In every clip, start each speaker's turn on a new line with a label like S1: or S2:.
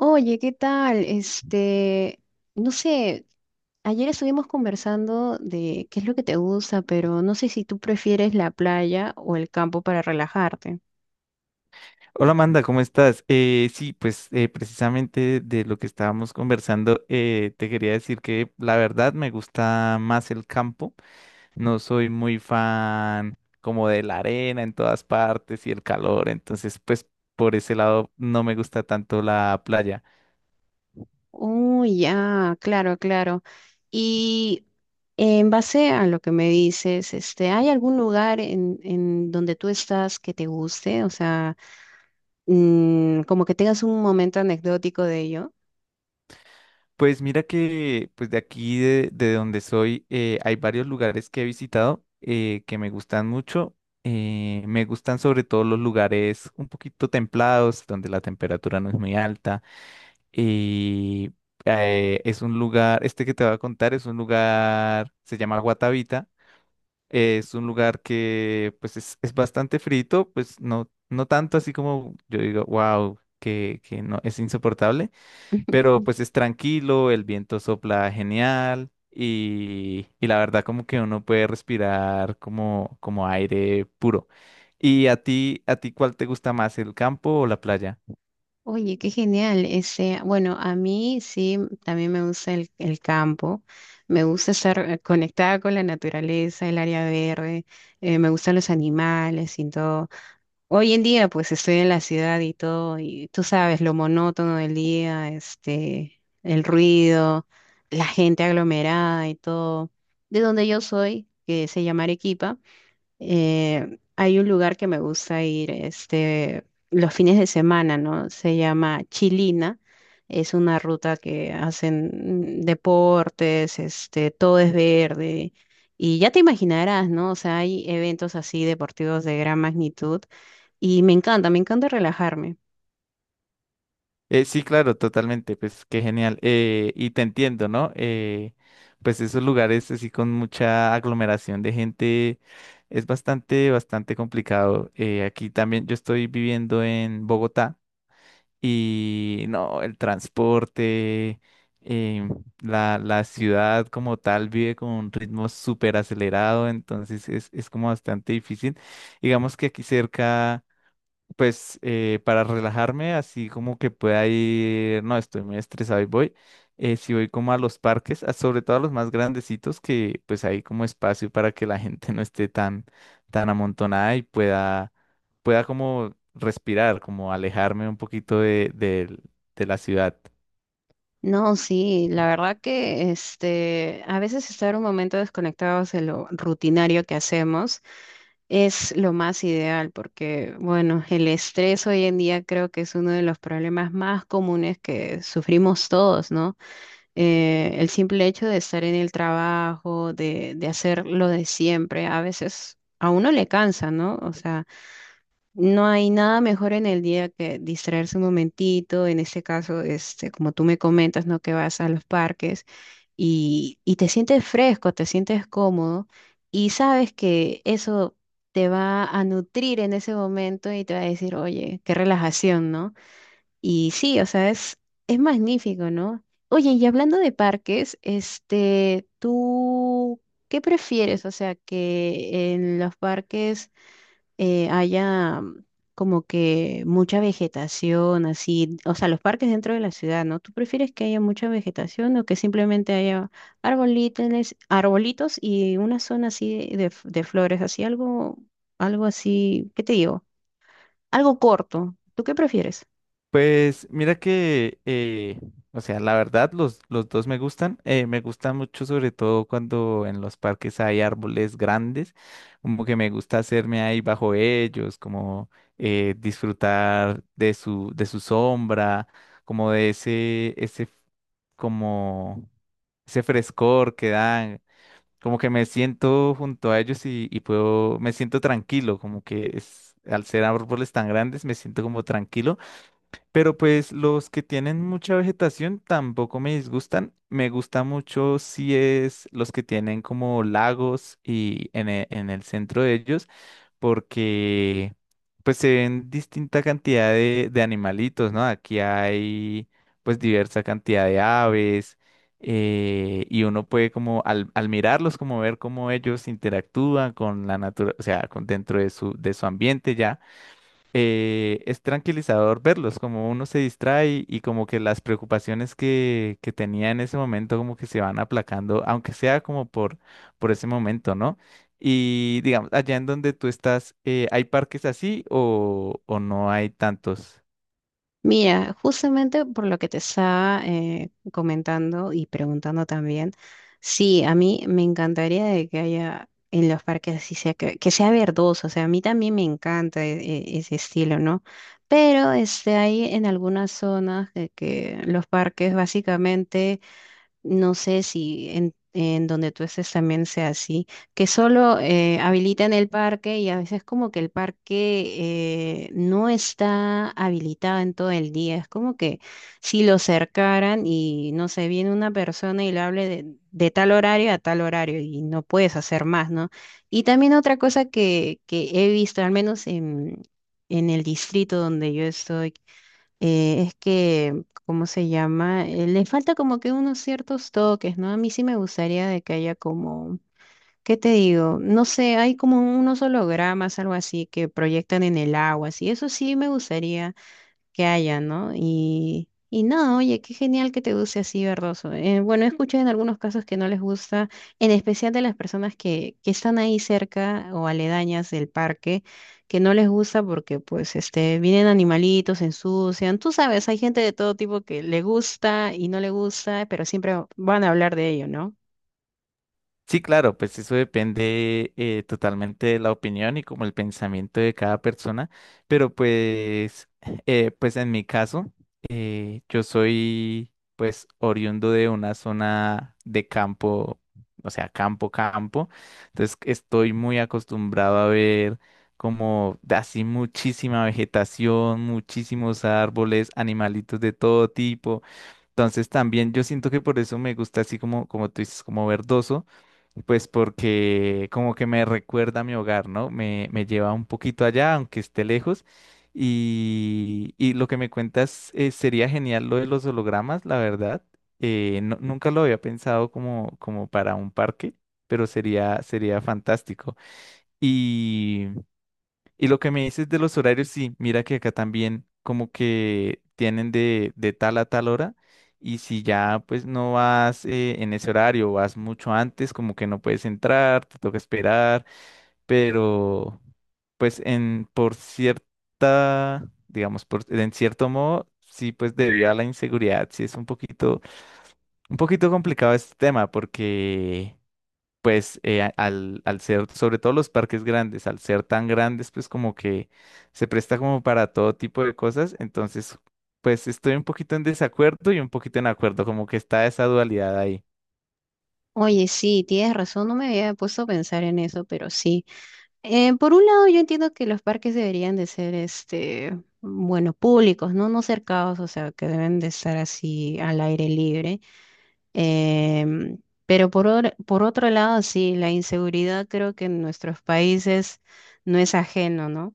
S1: Oye, ¿qué tal? No sé, ayer estuvimos conversando de qué es lo que te gusta, pero no sé si tú prefieres la playa o el campo para relajarte.
S2: Hola Amanda, ¿cómo estás? Sí, pues precisamente de lo que estábamos conversando, te quería decir que la verdad me gusta más el campo. No soy muy fan como de la arena en todas partes y el calor, entonces pues por ese lado no me gusta tanto la playa.
S1: Oh, ya, claro, claro. Y en base a lo que me dices, ¿hay algún lugar en donde tú estás que te guste? O sea, como que tengas un momento anecdótico de ello.
S2: Pues mira que pues de aquí de donde soy hay varios lugares que he visitado que me gustan mucho. Me gustan sobre todo los lugares un poquito templados, donde la temperatura no es muy alta. Y es un lugar, este que te voy a contar es un lugar, se llama Guatavita. Es un lugar que pues es bastante frito, pues no tanto así como yo digo, wow, que no es insoportable, pero pues es tranquilo, el viento sopla genial y la verdad como que uno puede respirar como, como aire puro. ¿Y a ti cuál te gusta más, el campo o la playa?
S1: Oye, qué genial. Bueno, a mí sí, también me gusta el campo. Me gusta estar conectada con la naturaleza, el área verde. Me gustan los animales y todo. Hoy en día, pues estoy en la ciudad y todo, y tú sabes, lo monótono del día, el ruido, la gente aglomerada y todo. De donde yo soy, que se llama Arequipa. Hay un lugar que me gusta ir, los fines de semana, ¿no? Se llama Chilina. Es una ruta que hacen deportes, todo es verde. Y ya te imaginarás, ¿no? O sea, hay eventos así deportivos de gran magnitud y me encanta relajarme.
S2: Sí, claro, totalmente, pues qué genial. Y te entiendo, ¿no? Pues esos lugares así con mucha aglomeración de gente es bastante, bastante complicado. Aquí también yo estoy viviendo en Bogotá. Y no, el transporte, em, la ciudad como tal vive con un ritmo súper acelerado, entonces es como bastante difícil. Digamos que aquí cerca pues para relajarme, así como que pueda ir, no, estoy muy estresado y voy, si voy como a los parques, sobre todo a los más grandecitos, que pues hay como espacio para que la gente no esté tan, tan amontonada y pueda, pueda como respirar, como alejarme un poquito de la ciudad.
S1: No, sí, la verdad que a veces estar un momento desconectados de lo rutinario que hacemos. Es lo más ideal porque, bueno, el estrés hoy en día creo que es uno de los problemas más comunes que sufrimos todos, ¿no? El simple hecho de estar en el trabajo, de hacer lo de siempre, a veces a uno le cansa, ¿no? O sea, no hay nada mejor en el día que distraerse un momentito, en este caso, como tú me comentas, ¿no? Que vas a los parques y te sientes fresco, te sientes cómodo y sabes que eso te va a nutrir en ese momento y te va a decir, oye, qué relajación, ¿no? Y sí, o sea, es magnífico, ¿no? Oye, y hablando de parques, ¿tú qué prefieres? O sea, que en los parques haya como que mucha vegetación, así, o sea, los parques dentro de la ciudad, ¿no? ¿Tú prefieres que haya mucha vegetación o que simplemente haya arbolitos, arbolitos y una zona así de flores, así algo, algo así, ¿qué te digo? Algo corto. ¿Tú qué prefieres?
S2: Pues mira que, o sea, la verdad los dos me gustan. Me gusta mucho sobre todo cuando en los parques hay árboles grandes, como que me gusta hacerme ahí bajo ellos, como disfrutar de su sombra, como como ese frescor que dan, como que me siento junto a ellos y puedo, me siento tranquilo, como que es, al ser árboles tan grandes me siento como tranquilo, pero pues los que tienen mucha vegetación tampoco me disgustan. Me gusta mucho si es los que tienen como lagos y en el centro de ellos, porque pues se ven distinta cantidad de animalitos, ¿no? Aquí hay pues diversa cantidad de aves, y uno puede como al mirarlos como ver cómo ellos interactúan con la naturaleza, o sea, con dentro de su ambiente ya. Es tranquilizador verlos, como uno se distrae y como que las preocupaciones que tenía en ese momento como que se van aplacando, aunque sea como por ese momento, ¿no? Y digamos, allá en donde tú estás, ¿hay parques así o no hay tantos?
S1: Mira, justamente por lo que te estaba comentando y preguntando también, sí, a mí me encantaría de que haya en los parques así sea, que sea verdoso, o sea, a mí también me encanta ese estilo, ¿no? Pero hay en algunas zonas de que los parques básicamente no sé si en donde tú estés también sea así, que solo habilitan el parque y a veces como que el parque no está habilitado en todo el día. Es como que si lo cercaran y no sé, viene una persona y le hable de tal horario a tal horario y no puedes hacer más, ¿no? Y también otra cosa que he visto, al menos en el distrito donde yo estoy, es que, ¿cómo se llama? Le falta como que unos ciertos toques, ¿no? A mí sí me gustaría de que haya como, ¿qué te digo? No sé, hay como unos hologramas, algo así, que proyectan en el agua, así. Eso sí me gustaría que haya, ¿no? Y no, oye, qué genial que te guste así, verdoso. Bueno, he escuchado en algunos casos que no les gusta, en especial de las personas que están ahí cerca o aledañas del parque, que no les gusta porque pues vienen animalitos, se ensucian. Tú sabes, hay gente de todo tipo que le gusta y no le gusta, pero siempre van a hablar de ello, ¿no?
S2: Sí, claro, pues eso depende totalmente de la opinión y como el pensamiento de cada persona, pero pues, pues en mi caso, yo soy pues oriundo de una zona de campo, o sea, campo, campo, entonces estoy muy acostumbrado a ver como de así muchísima vegetación, muchísimos árboles, animalitos de todo tipo, entonces también yo siento que por eso me gusta así como, como tú dices, como verdoso, pues porque como que me recuerda a mi hogar, ¿no? Me lleva un poquito allá, aunque esté lejos. Y lo que me cuentas sería genial lo de los hologramas, la verdad. Nunca lo había pensado como, como para un parque, pero sería, sería fantástico. Y lo que me dices de los horarios, sí, mira que acá también como que tienen de tal a tal hora, y si ya pues no vas en ese horario, vas mucho antes, como que no puedes entrar, te toca esperar, pero pues en por cierta, digamos, por, en cierto modo, sí, pues debido a la inseguridad, sí es un poquito complicado este tema porque pues al, al ser, sobre todo los parques grandes, al ser tan grandes, pues como que se presta como para todo tipo de cosas. Entonces, pues estoy un poquito en desacuerdo y un poquito en acuerdo, como que está esa dualidad ahí.
S1: Oye, sí, tienes razón, no me había puesto a pensar en eso, pero sí. Por un lado, yo entiendo que los parques deberían de ser, bueno, públicos, ¿no? No cercados, o sea, que deben de estar así al aire libre. Em, pero por otro lado, sí, la inseguridad creo que en nuestros países no es ajeno, ¿no?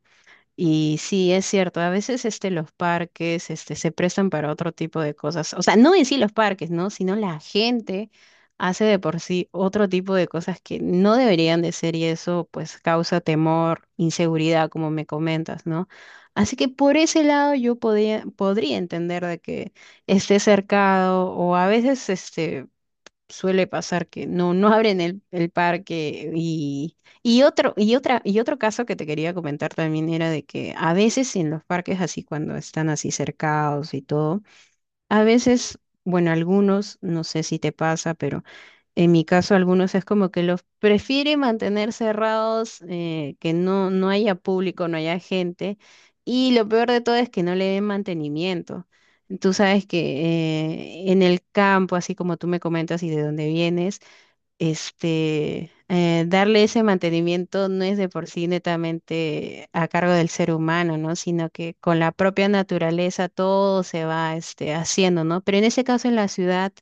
S1: Y sí, es cierto, a veces los parques se prestan para otro tipo de cosas. O sea, no en sí los parques, ¿no? Sino la gente hace de por sí otro tipo de cosas que no deberían de ser y eso pues causa temor, inseguridad, como me comentas, ¿no? Así que por ese lado yo podría entender de que esté cercado o a veces, suele pasar que no abren el parque y otro caso que te quería comentar también era de que a veces en los parques así cuando están así cercados y todo, a veces, bueno, algunos, no sé si te pasa, pero en mi caso, algunos es como que los prefiere mantener cerrados, que no haya público, no haya gente. Y lo peor de todo es que no le den mantenimiento. Tú sabes que en el campo, así como tú me comentas y de dónde vienes, darle ese mantenimiento no es de por sí netamente a cargo del ser humano, ¿no? Sino que con la propia naturaleza todo se va haciendo, ¿no? Pero en ese caso en la ciudad,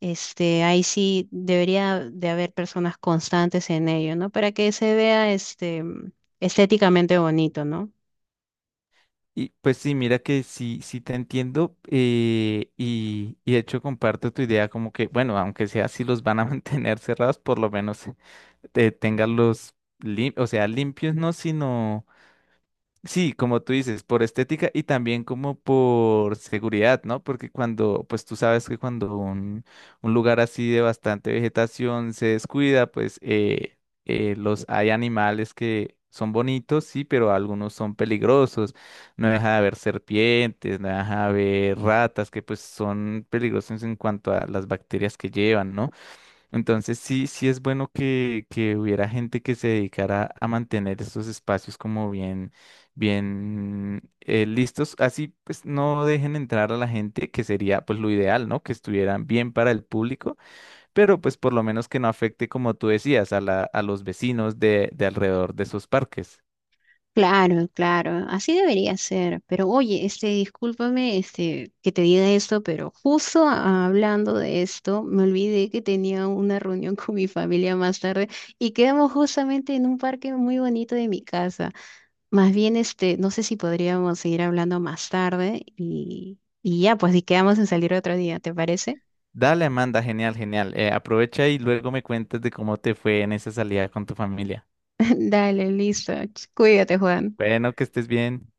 S1: ahí sí debería de haber personas constantes en ello, ¿no? Para que se vea estéticamente bonito, ¿no?
S2: Y pues sí, mira que sí, sí te entiendo y de hecho comparto tu idea como que, bueno, aunque sea si los van a mantener cerrados, por lo menos tengan los o sea, limpios no, sino sí, como tú dices, por estética y también como por seguridad, ¿no? Porque cuando, pues tú sabes que cuando un lugar así de bastante vegetación se descuida, pues los hay animales que son bonitos, sí, pero algunos son peligrosos. No deja de haber serpientes, no deja de haber ratas, que pues son peligrosos en cuanto a las bacterias que llevan, ¿no? Entonces sí, sí es bueno que hubiera gente que se dedicara a mantener estos espacios como bien, bien listos. Así pues no dejen entrar a la gente, que sería pues lo ideal, ¿no? Que estuvieran bien para el público, pero pues por lo menos que no afecte, como tú decías, a la, a los vecinos de alrededor de esos parques.
S1: Claro, claro, así debería ser. Pero oye, discúlpame, que te diga esto, pero justo hablando de esto, me olvidé que tenía una reunión con mi familia más tarde y quedamos justamente en un parque muy bonito de mi casa. Más bien, no sé si podríamos seguir hablando más tarde y ya, pues, y quedamos en salir otro día, ¿te parece?
S2: Dale, Amanda, genial, genial. Aprovecha y luego me cuentas de cómo te fue en esa salida con tu familia.
S1: Dale, listo. Cuídate, Juan.
S2: Bueno, que estés bien.